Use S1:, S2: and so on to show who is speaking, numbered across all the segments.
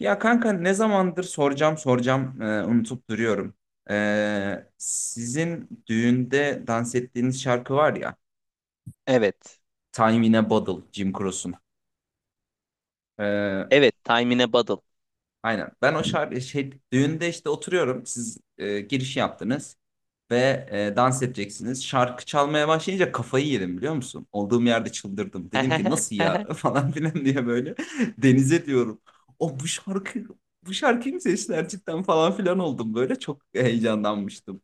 S1: Ya kanka ne zamandır soracağım soracağım unutup duruyorum. Sizin düğünde dans ettiğiniz şarkı var ya.
S2: Evet.
S1: Time in a Bottle, Jim Croce'un. E,
S2: Evet. Time in a Bottle.
S1: aynen. Ben o şarkı şey, düğünde işte oturuyorum. Siz giriş yaptınız ve dans edeceksiniz. Şarkı çalmaya başlayınca kafayı yedim biliyor musun? Olduğum yerde çıldırdım. Dedim ki nasıl ya falan filan diye böyle denize diyorum. O, bu şarkıyı mı seçtiler cidden falan filan oldum böyle çok heyecanlanmıştım.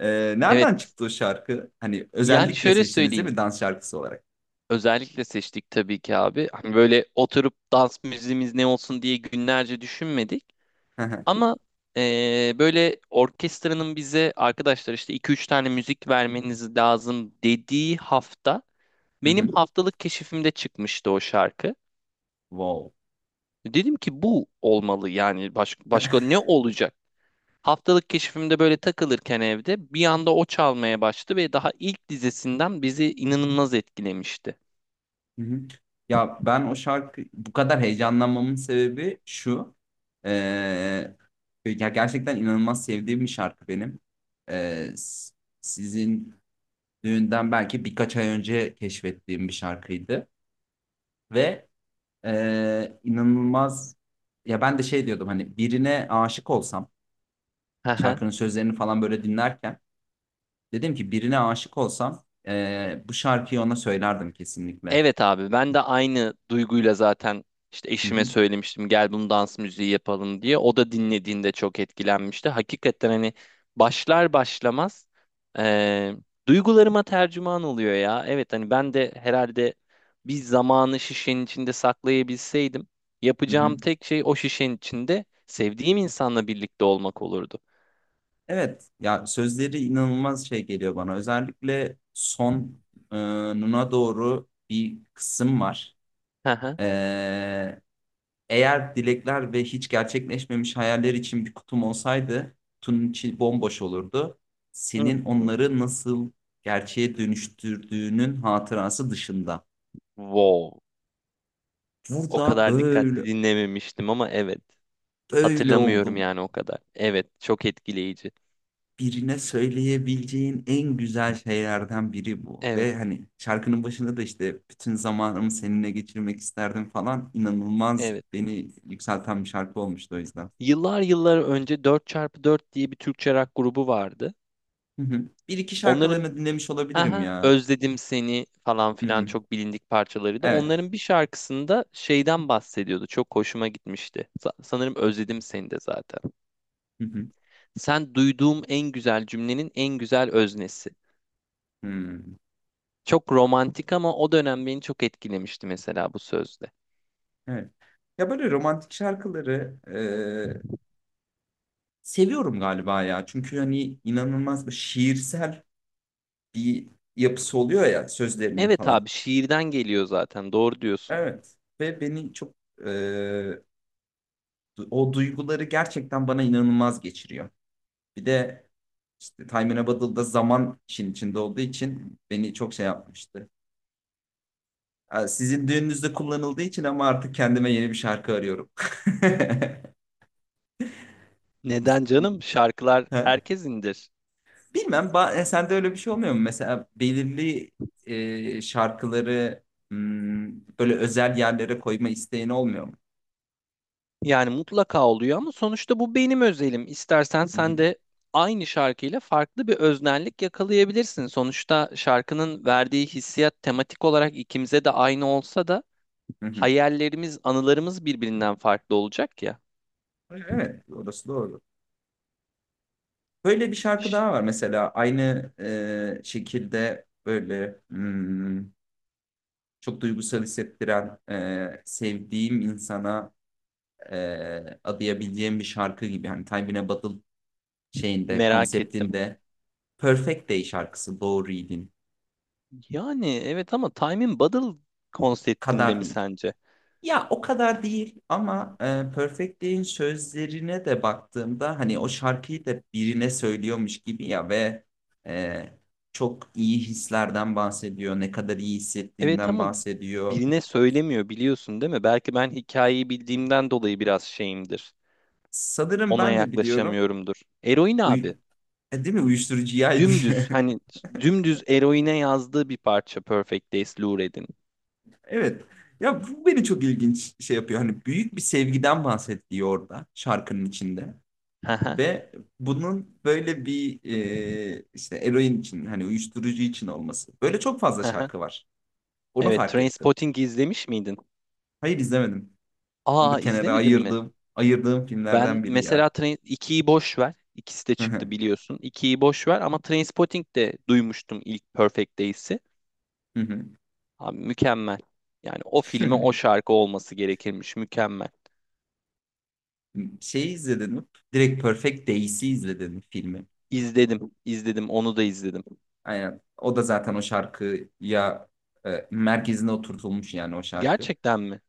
S1: E, Nereden
S2: Evet.
S1: çıktı o şarkı? Hani
S2: Yani
S1: özellikle
S2: şöyle
S1: seçtiniz değil
S2: söyleyeyim.
S1: mi dans şarkısı olarak?
S2: Özellikle seçtik tabii ki abi. Hani böyle oturup dans müziğimiz ne olsun diye günlerce düşünmedik.
S1: Hı
S2: Ama böyle orkestranın bize arkadaşlar işte iki üç tane müzik vermeniz lazım dediği hafta benim
S1: hı.
S2: haftalık keşifimde çıkmıştı o şarkı.
S1: Wow.
S2: Dedim ki bu olmalı, yani başka ne olacak? Haftalık keşfimde böyle takılırken evde bir anda o çalmaya başladı ve daha ilk dizesinden bizi inanılmaz etkilemişti.
S1: Hı hı. Ya ben o şarkı bu kadar heyecanlanmamın sebebi şu. Ee, Ya gerçekten inanılmaz sevdiğim bir şarkı benim. Ee, s- Sizin düğünden belki birkaç ay önce keşfettiğim bir şarkıydı. Ve inanılmaz ya ben de şey diyordum hani birine aşık olsam şarkının sözlerini falan böyle dinlerken dedim ki birine aşık olsam bu şarkıyı ona söylerdim kesinlikle.
S2: Evet abi, ben de aynı duyguyla zaten işte
S1: Hı
S2: eşime
S1: hı,
S2: söylemiştim, gel bunu dans müziği yapalım diye. O da dinlediğinde çok etkilenmişti. Hakikaten hani başlar başlamaz eee, duygularıma tercüman oluyor ya. Evet, hani ben de herhalde bir zamanı şişenin içinde saklayabilseydim,
S1: hı hı.
S2: yapacağım tek şey o şişenin içinde sevdiğim insanla birlikte olmak olurdu.
S1: Evet ya sözleri inanılmaz şey geliyor bana. Özellikle sonuna doğru bir kısım var.
S2: Hı hı.
S1: Ee, Eğer dilekler ve hiç gerçekleşmemiş hayaller için bir kutum olsaydı kutunun içi bomboş olurdu. Senin
S2: Hmm.
S1: onları nasıl gerçeğe dönüştürdüğünün hatırası dışında.
S2: Wow. O
S1: Burada
S2: kadar dikkatli
S1: böyle
S2: dinlememiştim ama evet.
S1: böyle
S2: Hatırlamıyorum
S1: oldum.
S2: yani o kadar. Evet, çok etkileyici.
S1: Birine söyleyebileceğin en güzel şeylerden biri bu.
S2: Evet,
S1: Ve hani şarkının başında da işte bütün zamanımı seninle geçirmek isterdim falan inanılmaz
S2: evet.
S1: beni yükselten bir şarkı olmuştu o yüzden.
S2: Yıllar yıllar önce dört çarpı dört diye bir Türkçe rock grubu vardı.
S1: Hı hı. Bir iki
S2: Onların
S1: şarkılarını dinlemiş olabilirim
S2: "aha
S1: ya.
S2: özledim seni" falan
S1: Hı
S2: filan
S1: hı.
S2: çok bilindik parçalarıydı.
S1: Evet.
S2: Onların bir şarkısında şeyden bahsediyordu, çok hoşuma gitmişti. Sanırım "özledim seni" de zaten.
S1: Hı hı.
S2: Sen duyduğum en güzel cümlenin en güzel öznesi.
S1: Hmm.
S2: Çok romantik ama o dönem beni çok etkilemişti mesela, bu sözde.
S1: Evet. Ya böyle romantik şarkıları e, seviyorum galiba ya. Çünkü hani inanılmaz bir şiirsel bir yapısı oluyor ya sözlerinin
S2: Evet
S1: falan.
S2: abi, şiirden geliyor zaten, doğru diyorsun.
S1: Evet. Ve beni çok e, o duyguları gerçekten bana inanılmaz geçiriyor. Bir de işte Time in a Bottle'da zaman işin içinde olduğu için beni çok şey yapmıştı. Sizin düğününüzde kullanıldığı için ama artık kendime yeni bir şarkı arıyorum.
S2: Neden canım? Şarkılar
S1: Ha,
S2: herkes indir?
S1: bilmem sende öyle bir şey olmuyor mu? Mesela belirli şarkıları böyle özel yerlere koyma isteğin olmuyor mu?
S2: Yani mutlaka oluyor ama sonuçta bu benim özelim. İstersen
S1: Hı
S2: sen
S1: hı,
S2: de aynı şarkıyla farklı bir öznellik yakalayabilirsin. Sonuçta şarkının verdiği hissiyat tematik olarak ikimize de aynı olsa da
S1: hı hı.
S2: hayallerimiz, anılarımız birbirinden farklı olacak ya.
S1: Evet, orası doğru. Böyle bir şarkı
S2: Şş,
S1: daha var mesela aynı şekilde böyle çok duygusal hissettiren sevdiğim insana adayabileceğim bir şarkı gibi. Hani Time in a Bottle şeyinde
S2: merak ettim.
S1: konseptinde Perfect Day şarkısı Doğru Reading
S2: Yani evet, ama Time in Bottle konseptinde
S1: kadar
S2: mi
S1: değil.
S2: sence?
S1: Ya o kadar değil ama Perfect Day'in sözlerine de baktığımda hani o şarkıyı da birine söylüyormuş gibi ya ve e, çok iyi hislerden bahsediyor, ne kadar iyi
S2: Evet
S1: hissettiğinden
S2: ama
S1: bahsediyor.
S2: birine söylemiyor, biliyorsun değil mi? Belki ben hikayeyi bildiğimden dolayı biraz şeyimdir,
S1: Sanırım
S2: ona
S1: ben de biliyorum.
S2: yaklaşamıyorumdur. Eroin
S1: Uy
S2: abi.
S1: değil mi? Uyuşturucuyaydı.
S2: Dümdüz, hani dümdüz eroine yazdığı bir parça Perfect Days, Lou Reed'in.
S1: Evet. Ya bu beni çok ilginç şey yapıyor. Hani büyük bir sevgiden bahsediyor orada şarkının içinde.
S2: Haha,
S1: Ve bunun böyle bir işte eroin için hani uyuşturucu için olması. Böyle çok fazla
S2: haha.
S1: şarkı var. Onu
S2: Evet,
S1: fark ettim.
S2: Trainspotting izlemiş miydin?
S1: Hayır, izlemedim. Onu
S2: Aa,
S1: da kenara
S2: izlemedin mi?
S1: ayırdım. Ayırdığım
S2: Ben
S1: filmlerden biri ya.
S2: mesela Train ikiyi boş ver. İkisi de çıktı, biliyorsun. 2'yi boş ver ama Trainspotting de duymuştum ilk Perfect Days'i. Abi mükemmel. Yani o filme o şarkı olması gerekirmiş. Mükemmel.
S1: Şeyi izledim. Direkt Perfect Days'i izledim filmi.
S2: İzledim, izledim, onu da izledim.
S1: Aynen. O da zaten o şarkıya merkezine oturtulmuş yani o şarkı.
S2: Gerçekten mi?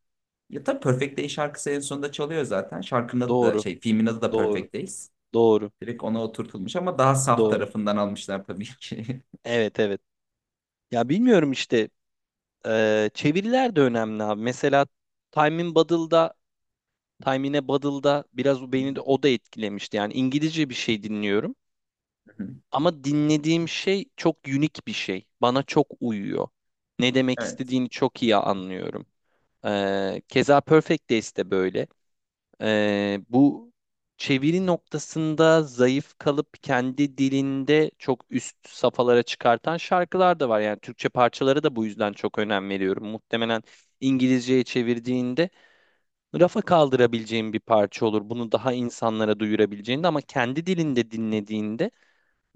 S1: Ya tabii Perfect Days şarkısı en sonunda çalıyor zaten. Şarkının adı da
S2: Doğru,
S1: şey filmin adı da
S2: doğru,
S1: Perfect Days.
S2: doğru,
S1: Direkt ona oturtulmuş ama daha saf
S2: doğru.
S1: tarafından almışlar tabii ki.
S2: Evet evet. Ya bilmiyorum işte, çeviriler de önemli abi. Mesela Time in Bottle'da, Time in a Bottle'da biraz o beni de, o da etkilemişti. Yani İngilizce bir şey dinliyorum ama dinlediğim şey çok unik bir şey. Bana çok uyuyor. Ne demek
S1: Evet.
S2: istediğini çok iyi anlıyorum. Keza Perfect Days de böyle. Bu çeviri noktasında zayıf kalıp kendi dilinde çok üst safhalara çıkartan şarkılar da var. Yani Türkçe parçalara da bu yüzden çok önem veriyorum. Muhtemelen İngilizceye çevirdiğinde rafa kaldırabileceğin bir parça olur. Bunu daha insanlara duyurabileceğinde, ama kendi dilinde dinlediğinde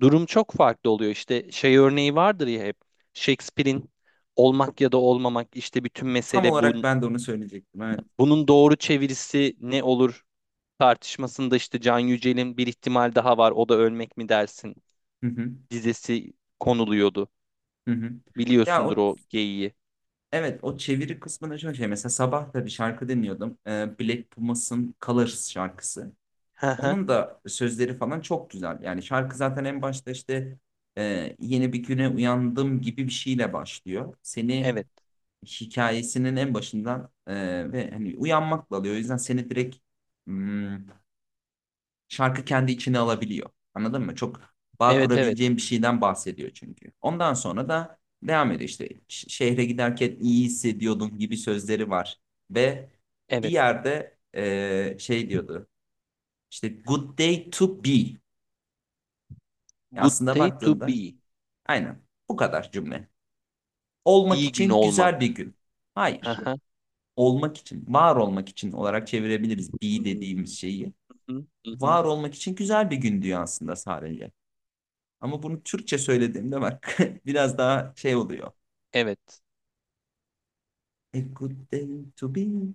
S2: durum çok farklı oluyor. İşte şey örneği vardır ya hep, Shakespeare'in "olmak ya da olmamak, işte bütün
S1: Tam
S2: mesele bu".
S1: olarak ben de onu söyleyecektim. Evet.
S2: Bunun doğru çevirisi ne olur tartışmasında işte Can Yücel'in "bir ihtimal daha var, o da ölmek mi dersin"
S1: Hı hı.
S2: dizesi konuluyordu.
S1: Hı hı. Ya
S2: Biliyorsundur
S1: o
S2: o geyiği.
S1: evet o çeviri kısmında şöyle şey mesela sabah da bir şarkı dinliyordum. Black Pumas'ın Colors şarkısı.
S2: Hı hı.
S1: Onun da sözleri falan çok güzel. Yani şarkı zaten en başta işte yeni bir güne uyandım gibi bir şeyle başlıyor. Seni
S2: Evet.
S1: hikayesinin en başından ve hani uyanmakla alıyor. O yüzden seni direkt hmm, şarkı kendi içine alabiliyor. Anladın mı? Çok bağ
S2: Evet evet.
S1: kurabileceğim bir şeyden bahsediyor çünkü. Ondan sonra da devam ediyor işte şehre giderken iyi hissediyordum gibi sözleri var. Ve bir
S2: Evet.
S1: yerde şey diyordu işte good day to be. Yani
S2: Good
S1: aslında
S2: day to
S1: baktığında
S2: be.
S1: aynen bu kadar cümle. Olmak
S2: İyi gün
S1: için güzel bir
S2: olmak.
S1: gün.
S2: Hı
S1: Hayır.
S2: hı.
S1: Olmak için, var olmak için olarak çevirebiliriz be
S2: Hmm.
S1: dediğimiz şeyi.
S2: Hı hı, hı, hı.
S1: Var olmak için güzel bir gün diyor aslında sadece. Ama bunu Türkçe söylediğimde bak biraz daha şey oluyor.
S2: Evet.
S1: A good day to be.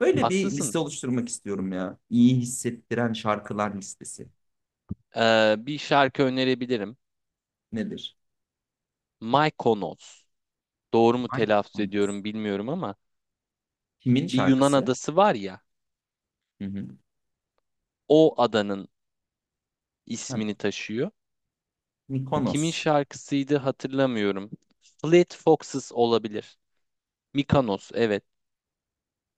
S1: Böyle bir
S2: Haklısın.
S1: liste oluşturmak istiyorum ya. İyi hissettiren şarkılar listesi.
S2: Bir şarkı önerebilirim.
S1: Nedir?
S2: Mykonos. Doğru mu telaffuz
S1: Mykonos.
S2: ediyorum bilmiyorum ama
S1: Kimin
S2: bir Yunan
S1: şarkısı?
S2: adası var ya,
S1: Hı hı.
S2: o adanın
S1: Ha,
S2: ismini taşıyor. Kimin
S1: Mykonos.
S2: şarkısıydı hatırlamıyorum. Fleet Foxes olabilir. Mykonos, evet.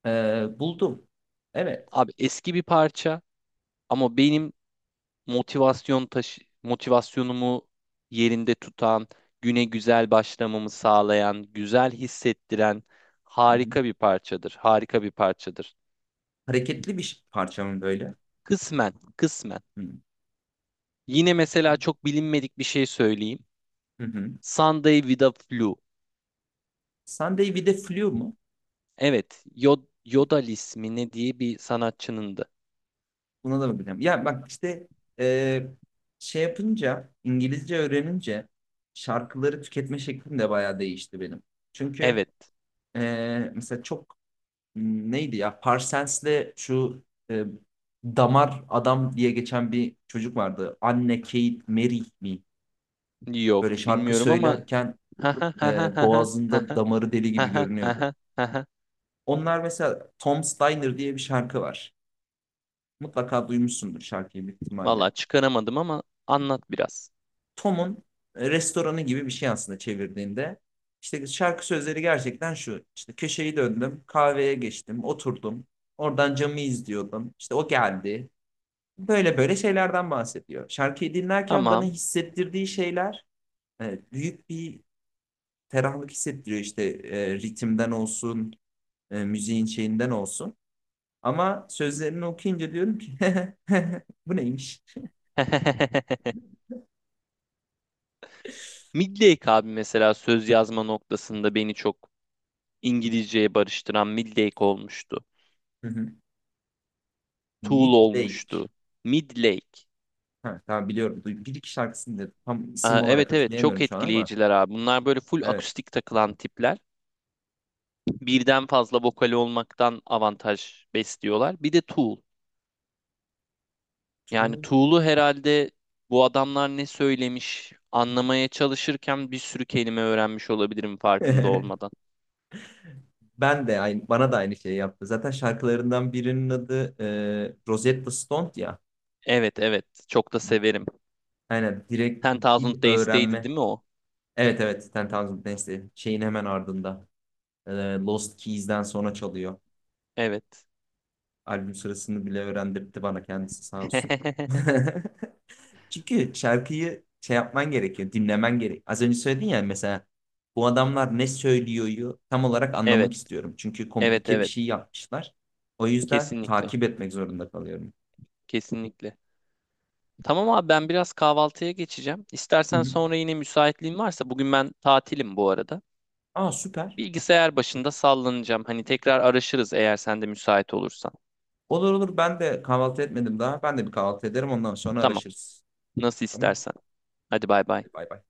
S1: Buldum. Evet.
S2: Abi eski bir parça ama benim motivasyon taşı motivasyonumu yerinde tutan, güne güzel başlamamı sağlayan, güzel hissettiren
S1: Hı hı.
S2: harika bir parçadır. Harika bir parçadır.
S1: Hareketli bir parça mı böyle?
S2: Kısmen, kısmen.
S1: Hı.
S2: Yine mesela çok bilinmedik bir şey söyleyeyim.
S1: Hı hı.
S2: Sunday with a Flu.
S1: Sunday with a Flu mu?
S2: Evet, Yodel ismi ne diye bir sanatçınındı.
S1: Buna da bakacağım. Ya bak işte e, şey yapınca, İngilizce öğrenince şarkıları tüketme şeklim de bayağı değişti benim. Çünkü
S2: Evet.
S1: mesela çok neydi ya Parsons'le şu e, Damar Adam diye geçen bir çocuk vardı. Anne Kate Merih mi?
S2: Yok
S1: Böyle şarkı
S2: bilmiyorum ama
S1: söylerken boğazında damarı deli gibi görünüyordu. Onlar mesela Tom Steiner diye bir şarkı var. Mutlaka duymuşsundur şarkıyı büyük
S2: valla
S1: ihtimalle.
S2: çıkaramadım ama anlat biraz.
S1: Tom'un restoranı gibi bir şey aslında çevirdiğinde. İşte şarkı sözleri gerçekten şu. İşte köşeyi döndüm, kahveye geçtim, oturdum. Oradan camı izliyordum. İşte o geldi. Böyle böyle şeylerden bahsediyor. Şarkıyı dinlerken bana
S2: Tamam.
S1: hissettirdiği şeyler büyük bir ferahlık hissettiriyor. İşte ritimden olsun, müziğin şeyinden olsun. Ama sözlerini okuyunca diyorum ki bu neymiş?
S2: Midlake abi, mesela söz yazma noktasında beni çok İngilizceye barıştıran Midlake olmuştu. Tool
S1: Midlake.
S2: olmuştu. Midlake.
S1: Ha, tamam biliyorum. Bir iki şarkısını da tam isim
S2: Aa,
S1: olarak
S2: evet evet, çok
S1: hatırlayamıyorum şu an ama.
S2: etkileyiciler abi. Bunlar böyle full
S1: Evet.
S2: akustik takılan tipler. Birden fazla vokali olmaktan avantaj besliyorlar. Bir de Tool. Yani
S1: Çok-
S2: Tuğlu herhalde, bu adamlar ne söylemiş anlamaya çalışırken bir sürü kelime öğrenmiş olabilirim farkında olmadan.
S1: Ben de aynı, bana da aynı şeyi yaptı. Zaten şarkılarından birinin adı Rosetta Stone ya.
S2: Evet evet, çok da severim.
S1: Aynen direkt
S2: Ten
S1: dil
S2: Thousand Days'teydi
S1: öğrenme.
S2: değil mi o?
S1: Evet, evet, Ten Thousand Dance'de şeyin hemen ardında. E, Lost Keys'den sonra çalıyor.
S2: Evet.
S1: Albüm sırasını bile öğrendirdi bana kendisi sağ olsun. Çünkü şarkıyı şey yapman gerekiyor, dinlemen gerek. Az önce söyledin ya mesela bu adamlar ne söylüyoryu tam olarak
S2: Evet
S1: anlamak istiyorum. Çünkü
S2: evet
S1: komplike bir
S2: evet,
S1: şey yapmışlar. O yüzden
S2: kesinlikle
S1: takip etmek zorunda kalıyorum.
S2: kesinlikle. Tamam abi, ben biraz kahvaltıya geçeceğim.
S1: Hı
S2: İstersen
S1: hı.
S2: sonra yine, müsaitliğin varsa, bugün ben tatilim bu arada.
S1: Aa, süper.
S2: Bilgisayar başında sallanacağım. Hani tekrar araşırız eğer sen de müsait olursan.
S1: Olur olur, ben de kahvaltı etmedim daha. Ben de bir kahvaltı ederim ondan sonra
S2: Tamam,
S1: araşırız.
S2: nasıl
S1: Tamam.
S2: istersen. Hadi bay bay.
S1: Hadi bay bay.